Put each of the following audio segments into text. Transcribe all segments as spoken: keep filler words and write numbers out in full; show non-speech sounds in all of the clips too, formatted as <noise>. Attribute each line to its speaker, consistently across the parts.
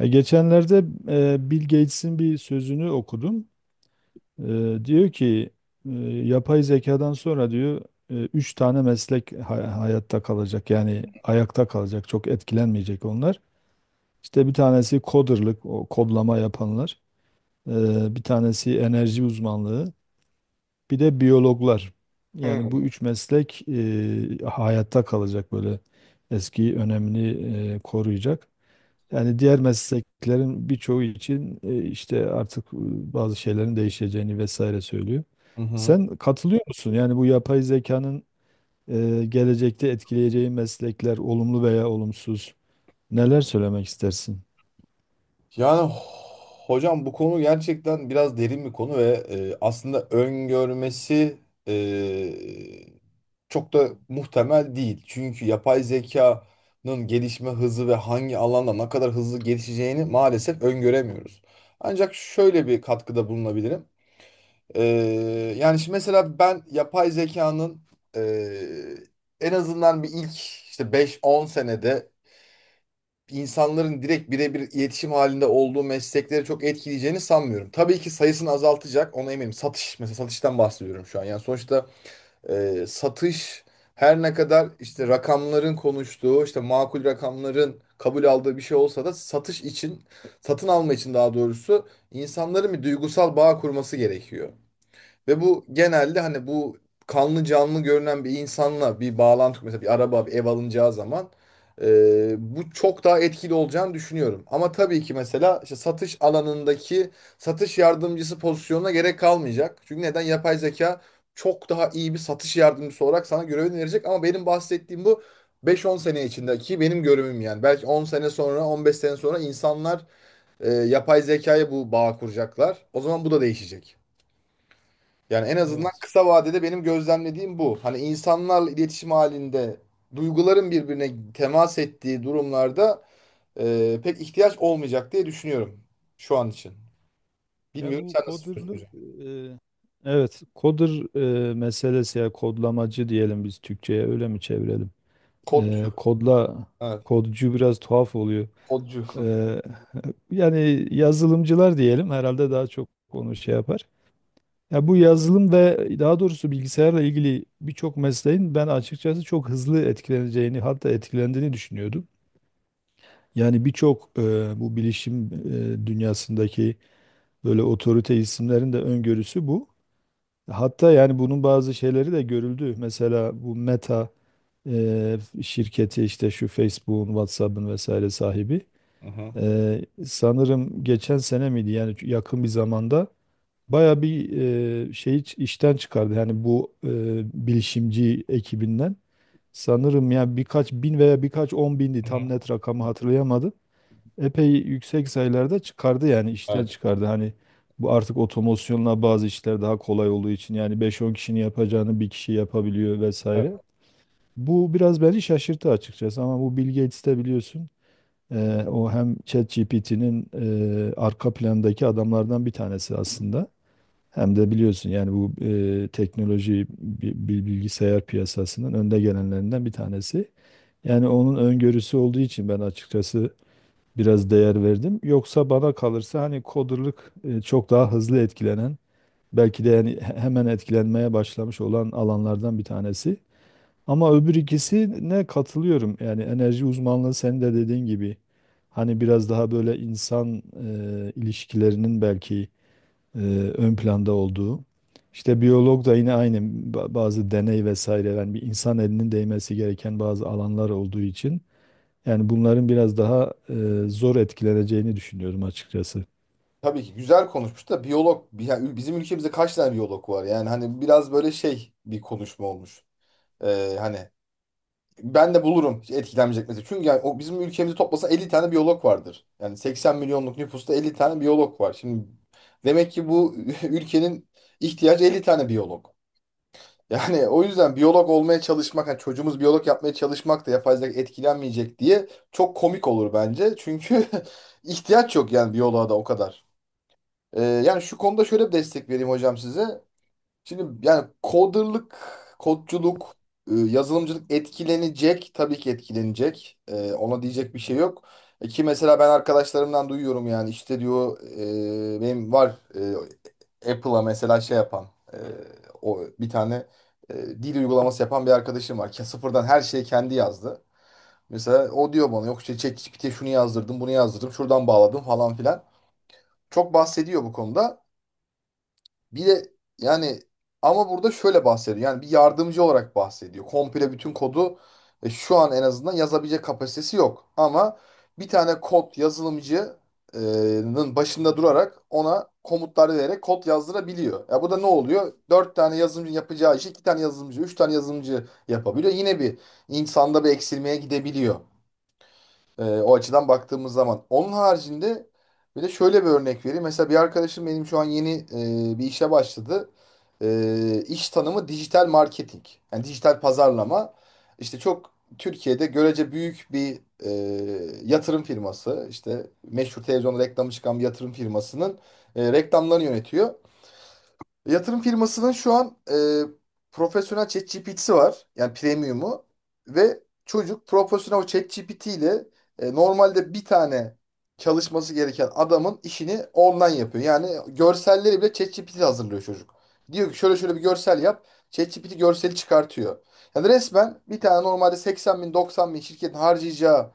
Speaker 1: E, Geçenlerde e, Bill Gates'in bir sözünü okudum. E, Diyor ki e, yapay zekadan sonra, diyor, e, üç tane meslek ha- hayatta kalacak, yani ayakta kalacak, çok etkilenmeyecek onlar. İşte bir tanesi coderlık, o kodlama yapanlar, e, bir tanesi enerji uzmanlığı, bir de biyologlar. Yani bu
Speaker 2: Hı
Speaker 1: üç meslek e, hayatta kalacak, böyle eski önemini e, koruyacak. Yani diğer mesleklerin birçoğu için e, işte artık e, bazı şeylerin değişeceğini vesaire söylüyor.
Speaker 2: hı. Hı.
Speaker 1: Sen katılıyor musun? Yani bu yapay zekanın e, gelecekte etkileyeceği meslekler olumlu veya olumsuz, neler söylemek istersin?
Speaker 2: Yani hocam bu konu gerçekten biraz derin bir konu ve e, aslında öngörmesi e, çok da muhtemel değil. Çünkü yapay zekanın gelişme hızı ve hangi alanda ne kadar hızlı gelişeceğini maalesef öngöremiyoruz. Ancak şöyle bir katkıda bulunabilirim. E, yani şimdi mesela ben yapay zekanın e, en azından bir ilk işte beş on senede insanların direkt birebir iletişim halinde olduğu meslekleri çok etkileyeceğini sanmıyorum. Tabii ki sayısını azaltacak, ona eminim. Satış, mesela satıştan bahsediyorum şu an. Yani sonuçta e, satış, her ne kadar işte rakamların konuştuğu, işte makul rakamların kabul aldığı bir şey olsa da satış için, satın alma için daha doğrusu insanların bir duygusal bağ kurması gerekiyor. Ve bu genelde hani bu kanlı canlı görünen bir insanla bir bağlantı, mesela bir araba bir ev alınacağı zaman e, bu çok daha etkili olacağını düşünüyorum. Ama tabii ki mesela işte satış alanındaki satış yardımcısı pozisyonuna gerek kalmayacak. Çünkü neden? Yapay zeka çok daha iyi bir satış yardımcısı olarak sana görevini verecek, ama benim bahsettiğim bu beş-on sene içindeki benim görevim yani. Belki on sene sonra, on beş sene sonra insanlar e, yapay zekaya bu bağ kuracaklar. O zaman bu da değişecek. Yani en azından
Speaker 1: Evet.
Speaker 2: kısa vadede benim gözlemlediğim bu. Hani insanlarla iletişim halinde duyguların birbirine temas ettiği durumlarda e, pek ihtiyaç olmayacak diye düşünüyorum şu an için.
Speaker 1: Ya
Speaker 2: Bilmiyorum
Speaker 1: bu
Speaker 2: sen nasıl düşünüyorsun
Speaker 1: coderlık,
Speaker 2: hocam?
Speaker 1: e, evet coder e, meselesi, ya kodlamacı diyelim biz Türkçe'ye, öyle mi çevirelim?
Speaker 2: Kodcu.
Speaker 1: E, kodla
Speaker 2: Evet.
Speaker 1: Kodcu biraz tuhaf oluyor.
Speaker 2: Kodcu.
Speaker 1: Eee, Yani yazılımcılar diyelim herhalde, daha çok onu şey yapar. Ya bu yazılım ve daha doğrusu bilgisayarla ilgili birçok mesleğin ben açıkçası çok hızlı etkileneceğini, hatta etkilendiğini düşünüyordum. Yani birçok eee, bu bilişim eee, dünyasındaki böyle otorite isimlerin de öngörüsü bu. Hatta yani bunun bazı şeyleri de görüldü. Mesela bu Meta eee, şirketi, işte şu Facebook'un, WhatsApp'ın vesaire sahibi.
Speaker 2: Hı hı.
Speaker 1: Eee, sanırım geçen sene miydi, yani yakın bir zamanda baya bir eee şey iç- işten çıkardı. Yani bu eee, bilişimci ekibinden sanırım ya birkaç bin veya birkaç on bindi,
Speaker 2: Hı
Speaker 1: tam
Speaker 2: hı.
Speaker 1: net rakamı hatırlayamadım. Epey yüksek sayılarda çıkardı, yani işten
Speaker 2: Evet,
Speaker 1: çıkardı. Hani bu artık otomasyonla bazı işler daha kolay olduğu için yani beş on kişinin yapacağını bir kişi yapabiliyor
Speaker 2: evet.
Speaker 1: vesaire. Bu biraz beni şaşırttı açıkçası, ama bu Bill Gates de biliyorsun. Eee, o hem ChatGPT'nin eee arka plandaki adamlardan bir tanesi aslında. Hem de biliyorsun yani bu eee, teknoloji bi- bi- bilgisayar piyasasının önde gelenlerinden bir tanesi. Yani onun öngörüsü olduğu için ben açıkçası biraz değer verdim. Yoksa bana kalırsa hani coderlık eee, çok daha hızlı etkilenen, belki de yani he- hemen etkilenmeye başlamış olan alanlardan bir tanesi. Ama öbür ikisine katılıyorum. Yani enerji uzmanlığı, senin de dediğin gibi, hani biraz daha böyle insan e, ilişkilerinin belki e, ön planda olduğu. İşte biyolog da yine aynı, ba- bazı deney vesaire, yani bir insan elinin değmesi gereken bazı alanlar olduğu için yani bunların biraz daha e, zor etkileneceğini düşünüyorum açıkçası.
Speaker 2: Tabii ki güzel konuşmuş da biyolog bi- ya bizim ülkemizde kaç tane biyolog var? Yani hani biraz böyle şey bir konuşma olmuş. E, hani Ben de bulurum etkilenmeyecek mesela. Çünkü yani o bizim ülkemizi toplasa elli tane biyolog vardır. Yani seksen milyonluk nüfusta elli tane biyolog var. Şimdi demek ki bu <laughs> ülkenin ihtiyacı elli tane biyolog. Yani o yüzden biyolog olmaya çalışmak, hani çocuğumuz biyolog yapmaya çalışmak da yapay zeka etkilenmeyecek diye çok komik olur bence. Çünkü <laughs> ihtiyaç yok yani biyoloğa da o kadar. Ee, yani şu konuda şöyle bir destek vereyim hocam size. Şimdi yani coderlık, kodculuk, e, yazılımcılık etkilenecek. Tabii ki etkilenecek. E, ona diyecek bir şey yok. E, ki mesela ben arkadaşlarımdan duyuyorum, yani işte diyor e, benim var e, Apple'a mesela şey yapan, e, o bir tane e, dil uygulaması yapan bir arkadaşım var. Ke- Sıfırdan her şeyi kendi yazdı. Mesela o diyor bana, yok işte ChatGPT'ye şunu yazdırdım, bunu yazdırdım, şuradan bağladım falan filan. Çok bahsediyor bu konuda. Bir de yani ama burada şöyle bahsediyor. Yani bir yardımcı olarak bahsediyor. Komple bütün kodu e, şu an en azından yazabilecek kapasitesi yok. Ama bir tane kod yazılımcının başında durarak ona komutlar vererek kod yazdırabiliyor. Ya bu da ne oluyor? Dört tane yazılımcı yapacağı işi iki tane yazılımcı, üç tane yazılımcı yapabiliyor. Yine bir insanda bir eksilmeye gidebiliyor. Ee, o açıdan baktığımız zaman. Onun haricinde bir de şöyle bir örnek vereyim. Mesela bir arkadaşım benim şu an yeni e, bir işe başladı. E, iş tanımı dijital marketing. Yani dijital pazarlama. İşte çok Türkiye'de görece büyük bir e, yatırım firması. İşte meşhur televizyonda reklamı çıkan bir yatırım firmasının e, reklamlarını yönetiyor. Yatırım firmasının şu an e, profesyonel ChatGPT'si var. Yani premium'u. Ve çocuk profesyonel ChatGPT ile e, normalde bir tane çalışması gereken adamın işini ondan yapıyor. Yani görselleri bile ChatGPT hazırlıyor çocuk. Diyor ki şöyle şöyle bir görsel yap. ChatGPT görseli çıkartıyor. Yani resmen bir tane normalde seksen bin doksan bin şirketin harcayacağı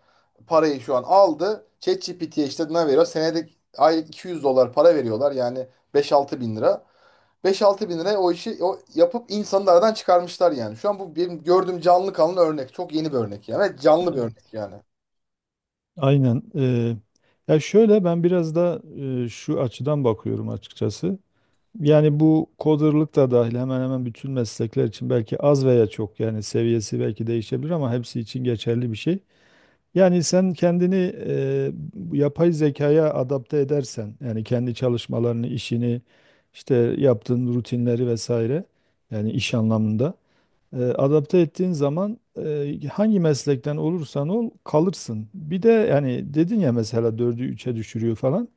Speaker 2: parayı şu an aldı. ChatGPT'ye işte ne veriyor? Senede aylık iki yüz dolar para veriyorlar. Yani beş altı bin lira. Beş altı bin liraya o işi o yapıp insanı aradan çıkarmışlar yani. Şu an bu benim gördüğüm canlı kanlı örnek. Çok yeni bir örnek yani. Evet, canlı bir örnek
Speaker 1: Evet.
Speaker 2: yani.
Speaker 1: Aynen. E, ya şöyle, ben biraz da e, şu açıdan bakıyorum açıkçası. Yani bu coderlık da dahil hemen hemen bütün meslekler için belki az veya çok, yani seviyesi belki değişebilir ama hepsi için geçerli bir şey. Yani sen kendini e, bu yapay zekaya adapte edersen, yani kendi çalışmalarını, işini, işte yaptığın rutinleri vesaire, yani iş anlamında e, adapte ettiğin zaman e, hangi meslekten olursan ol kalırsın. Bir de yani dedin ya, mesela dördü üçe düşürüyor falan.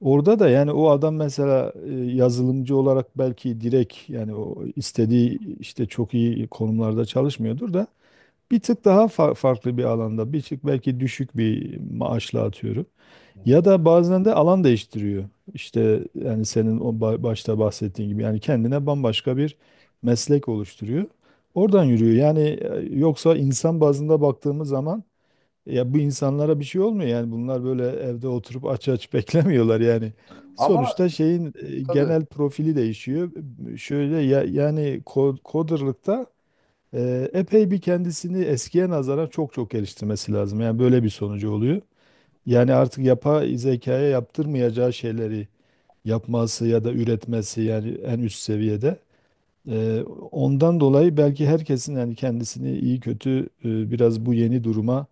Speaker 1: Orada da yani o adam mesela e, yazılımcı olarak belki direkt, yani o istediği işte çok iyi konumlarda çalışmıyordur da, bir tık daha fa- farklı bir alanda, bir tık belki düşük bir maaşla atıyorum.
Speaker 2: Hı
Speaker 1: Ya
Speaker 2: hı.
Speaker 1: da bazen de alan değiştiriyor. İşte yani senin o ba- başta bahsettiğin gibi, yani kendine bambaşka bir meslek oluşturuyor. Oradan yürüyor. Yani e, yoksa insan bazında baktığımız zaman ya bu insanlara bir şey olmuyor, yani bunlar böyle evde oturup aç aç beklemiyorlar yani.
Speaker 2: Ama
Speaker 1: Sonuçta şeyin e,
Speaker 2: tabii
Speaker 1: genel profili değişiyor. Şöyle ya, yani ko- coderlıkta e, epey bir kendisini eskiye nazaran çok çok geliştirmesi lazım. Yani böyle bir sonucu oluyor. Yani artık yapay zekaya yaptırmayacağı şeyleri yapması ya da üretmesi, yani en üst seviyede. E, Ondan dolayı belki herkesin, yani kendisini iyi kötü e, biraz bu yeni duruma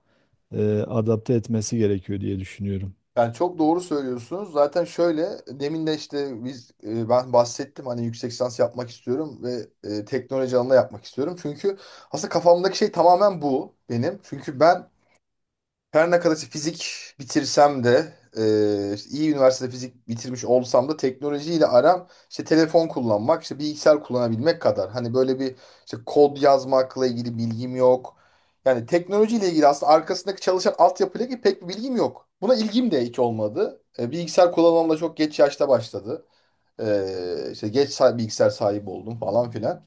Speaker 1: e, adapte etmesi gerekiyor diye düşünüyorum.
Speaker 2: yani çok doğru söylüyorsunuz. Zaten şöyle demin de işte biz e, ben bahsettim hani yüksek lisans yapmak istiyorum ve e, teknoloji alanında yapmak istiyorum. Çünkü aslında kafamdaki şey tamamen bu benim. Çünkü ben her ne kadar işte fizik bitirsem de, e, işte iyi üniversitede fizik bitirmiş olsam da, teknolojiyle aram işte telefon kullanmak, işte bilgisayar kullanabilmek kadar. Hani böyle bir işte kod yazmakla ilgili bilgim yok. Yani teknolojiyle ilgili, aslında arkasındaki çalışan altyapıyla ilgili pek bir bilgim yok. Buna ilgim de hiç olmadı. E, bilgisayar kullanmam da çok geç yaşta başladı. E, işte geç, sa- bilgisayar sahibi oldum falan filan.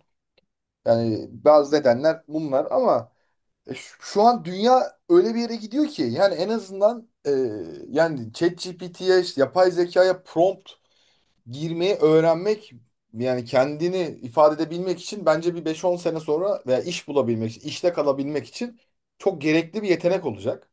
Speaker 2: Yani bazı nedenler bunlar, ama e, şu şu an dünya öyle bir yere gidiyor ki, yani en azından e, yani ChatGPT'ye işte yapay zekaya prompt girmeyi öğrenmek, yani kendini ifade edebilmek için, bence bir beş-on sene sonra veya iş bulabilmek için, işte kalabilmek için çok gerekli bir yetenek olacak.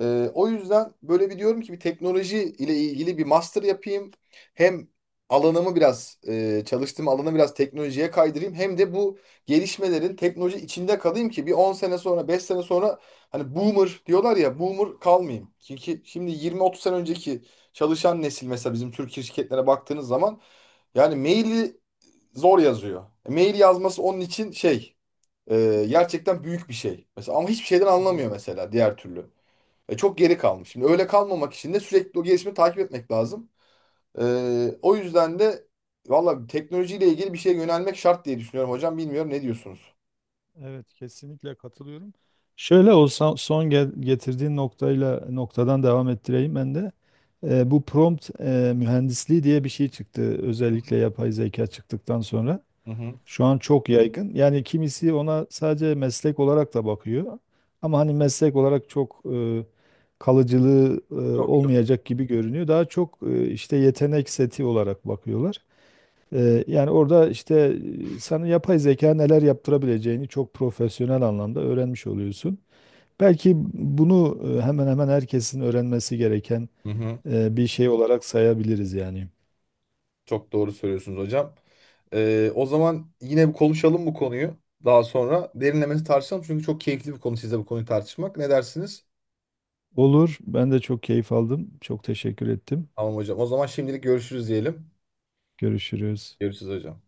Speaker 2: Ee, o yüzden böyle bir diyorum ki, bir teknoloji ile ilgili bir master yapayım. Hem alanımı biraz, e, çalıştığım alanı biraz teknolojiye kaydırayım. Hem de bu gelişmelerin teknoloji içinde kalayım ki bir on sene sonra, beş sene sonra hani boomer diyorlar ya, boomer kalmayayım. Çünkü şimdi yirmi otuz sene önceki çalışan nesil, mesela bizim Türkiye şirketlere baktığınız zaman, yani maili zor yazıyor. E, Mail yazması onun için şey, e, gerçekten büyük bir şey. Mesela ama hiçbir şeyden
Speaker 1: Evet,
Speaker 2: anlamıyor mesela diğer türlü. E, çok geri kalmış. Şimdi öyle kalmamak için de sürekli o gelişimi takip etmek lazım. E, O yüzden de valla teknolojiyle ilgili bir şeye yönelmek şart diye düşünüyorum hocam. Bilmiyorum ne diyorsunuz?
Speaker 1: evet, kesinlikle katılıyorum. Şöyle o son, son gel- getirdiğin noktayla noktadan devam ettireyim ben de. E, bu prompt e, mühendisliği diye bir şey çıktı. Özellikle yapay zeka çıktıktan sonra.
Speaker 2: Hı hı.
Speaker 1: Şu an çok yaygın. Yani kimisi ona sadece meslek olarak da bakıyor. Ama hani meslek olarak çok e, kalıcılığı e,
Speaker 2: Çok çok.
Speaker 1: olmayacak gibi görünüyor. Daha çok e, işte yetenek seti olarak bakıyorlar. Ee, yani orada işte e, sana yapay zeka neler yaptırabileceğini çok profesyonel anlamda öğrenmiş oluyorsun. Belki bunu e, hemen hemen herkesin öğrenmesi gereken
Speaker 2: Hı hı.
Speaker 1: e, bir şey olarak sayabiliriz yani.
Speaker 2: Çok doğru söylüyorsunuz hocam. Ee, o zaman yine bir konuşalım bu konuyu. Daha sonra derinlemesi tartışalım. Çünkü çok keyifli bir konu sizle bu konuyu tartışmak. Ne dersiniz?
Speaker 1: Olur. Ben de çok keyif aldım. Çok teşekkür ettim.
Speaker 2: Tamam hocam. O zaman şimdilik görüşürüz diyelim.
Speaker 1: Görüşürüz.
Speaker 2: Görüşürüz hocam.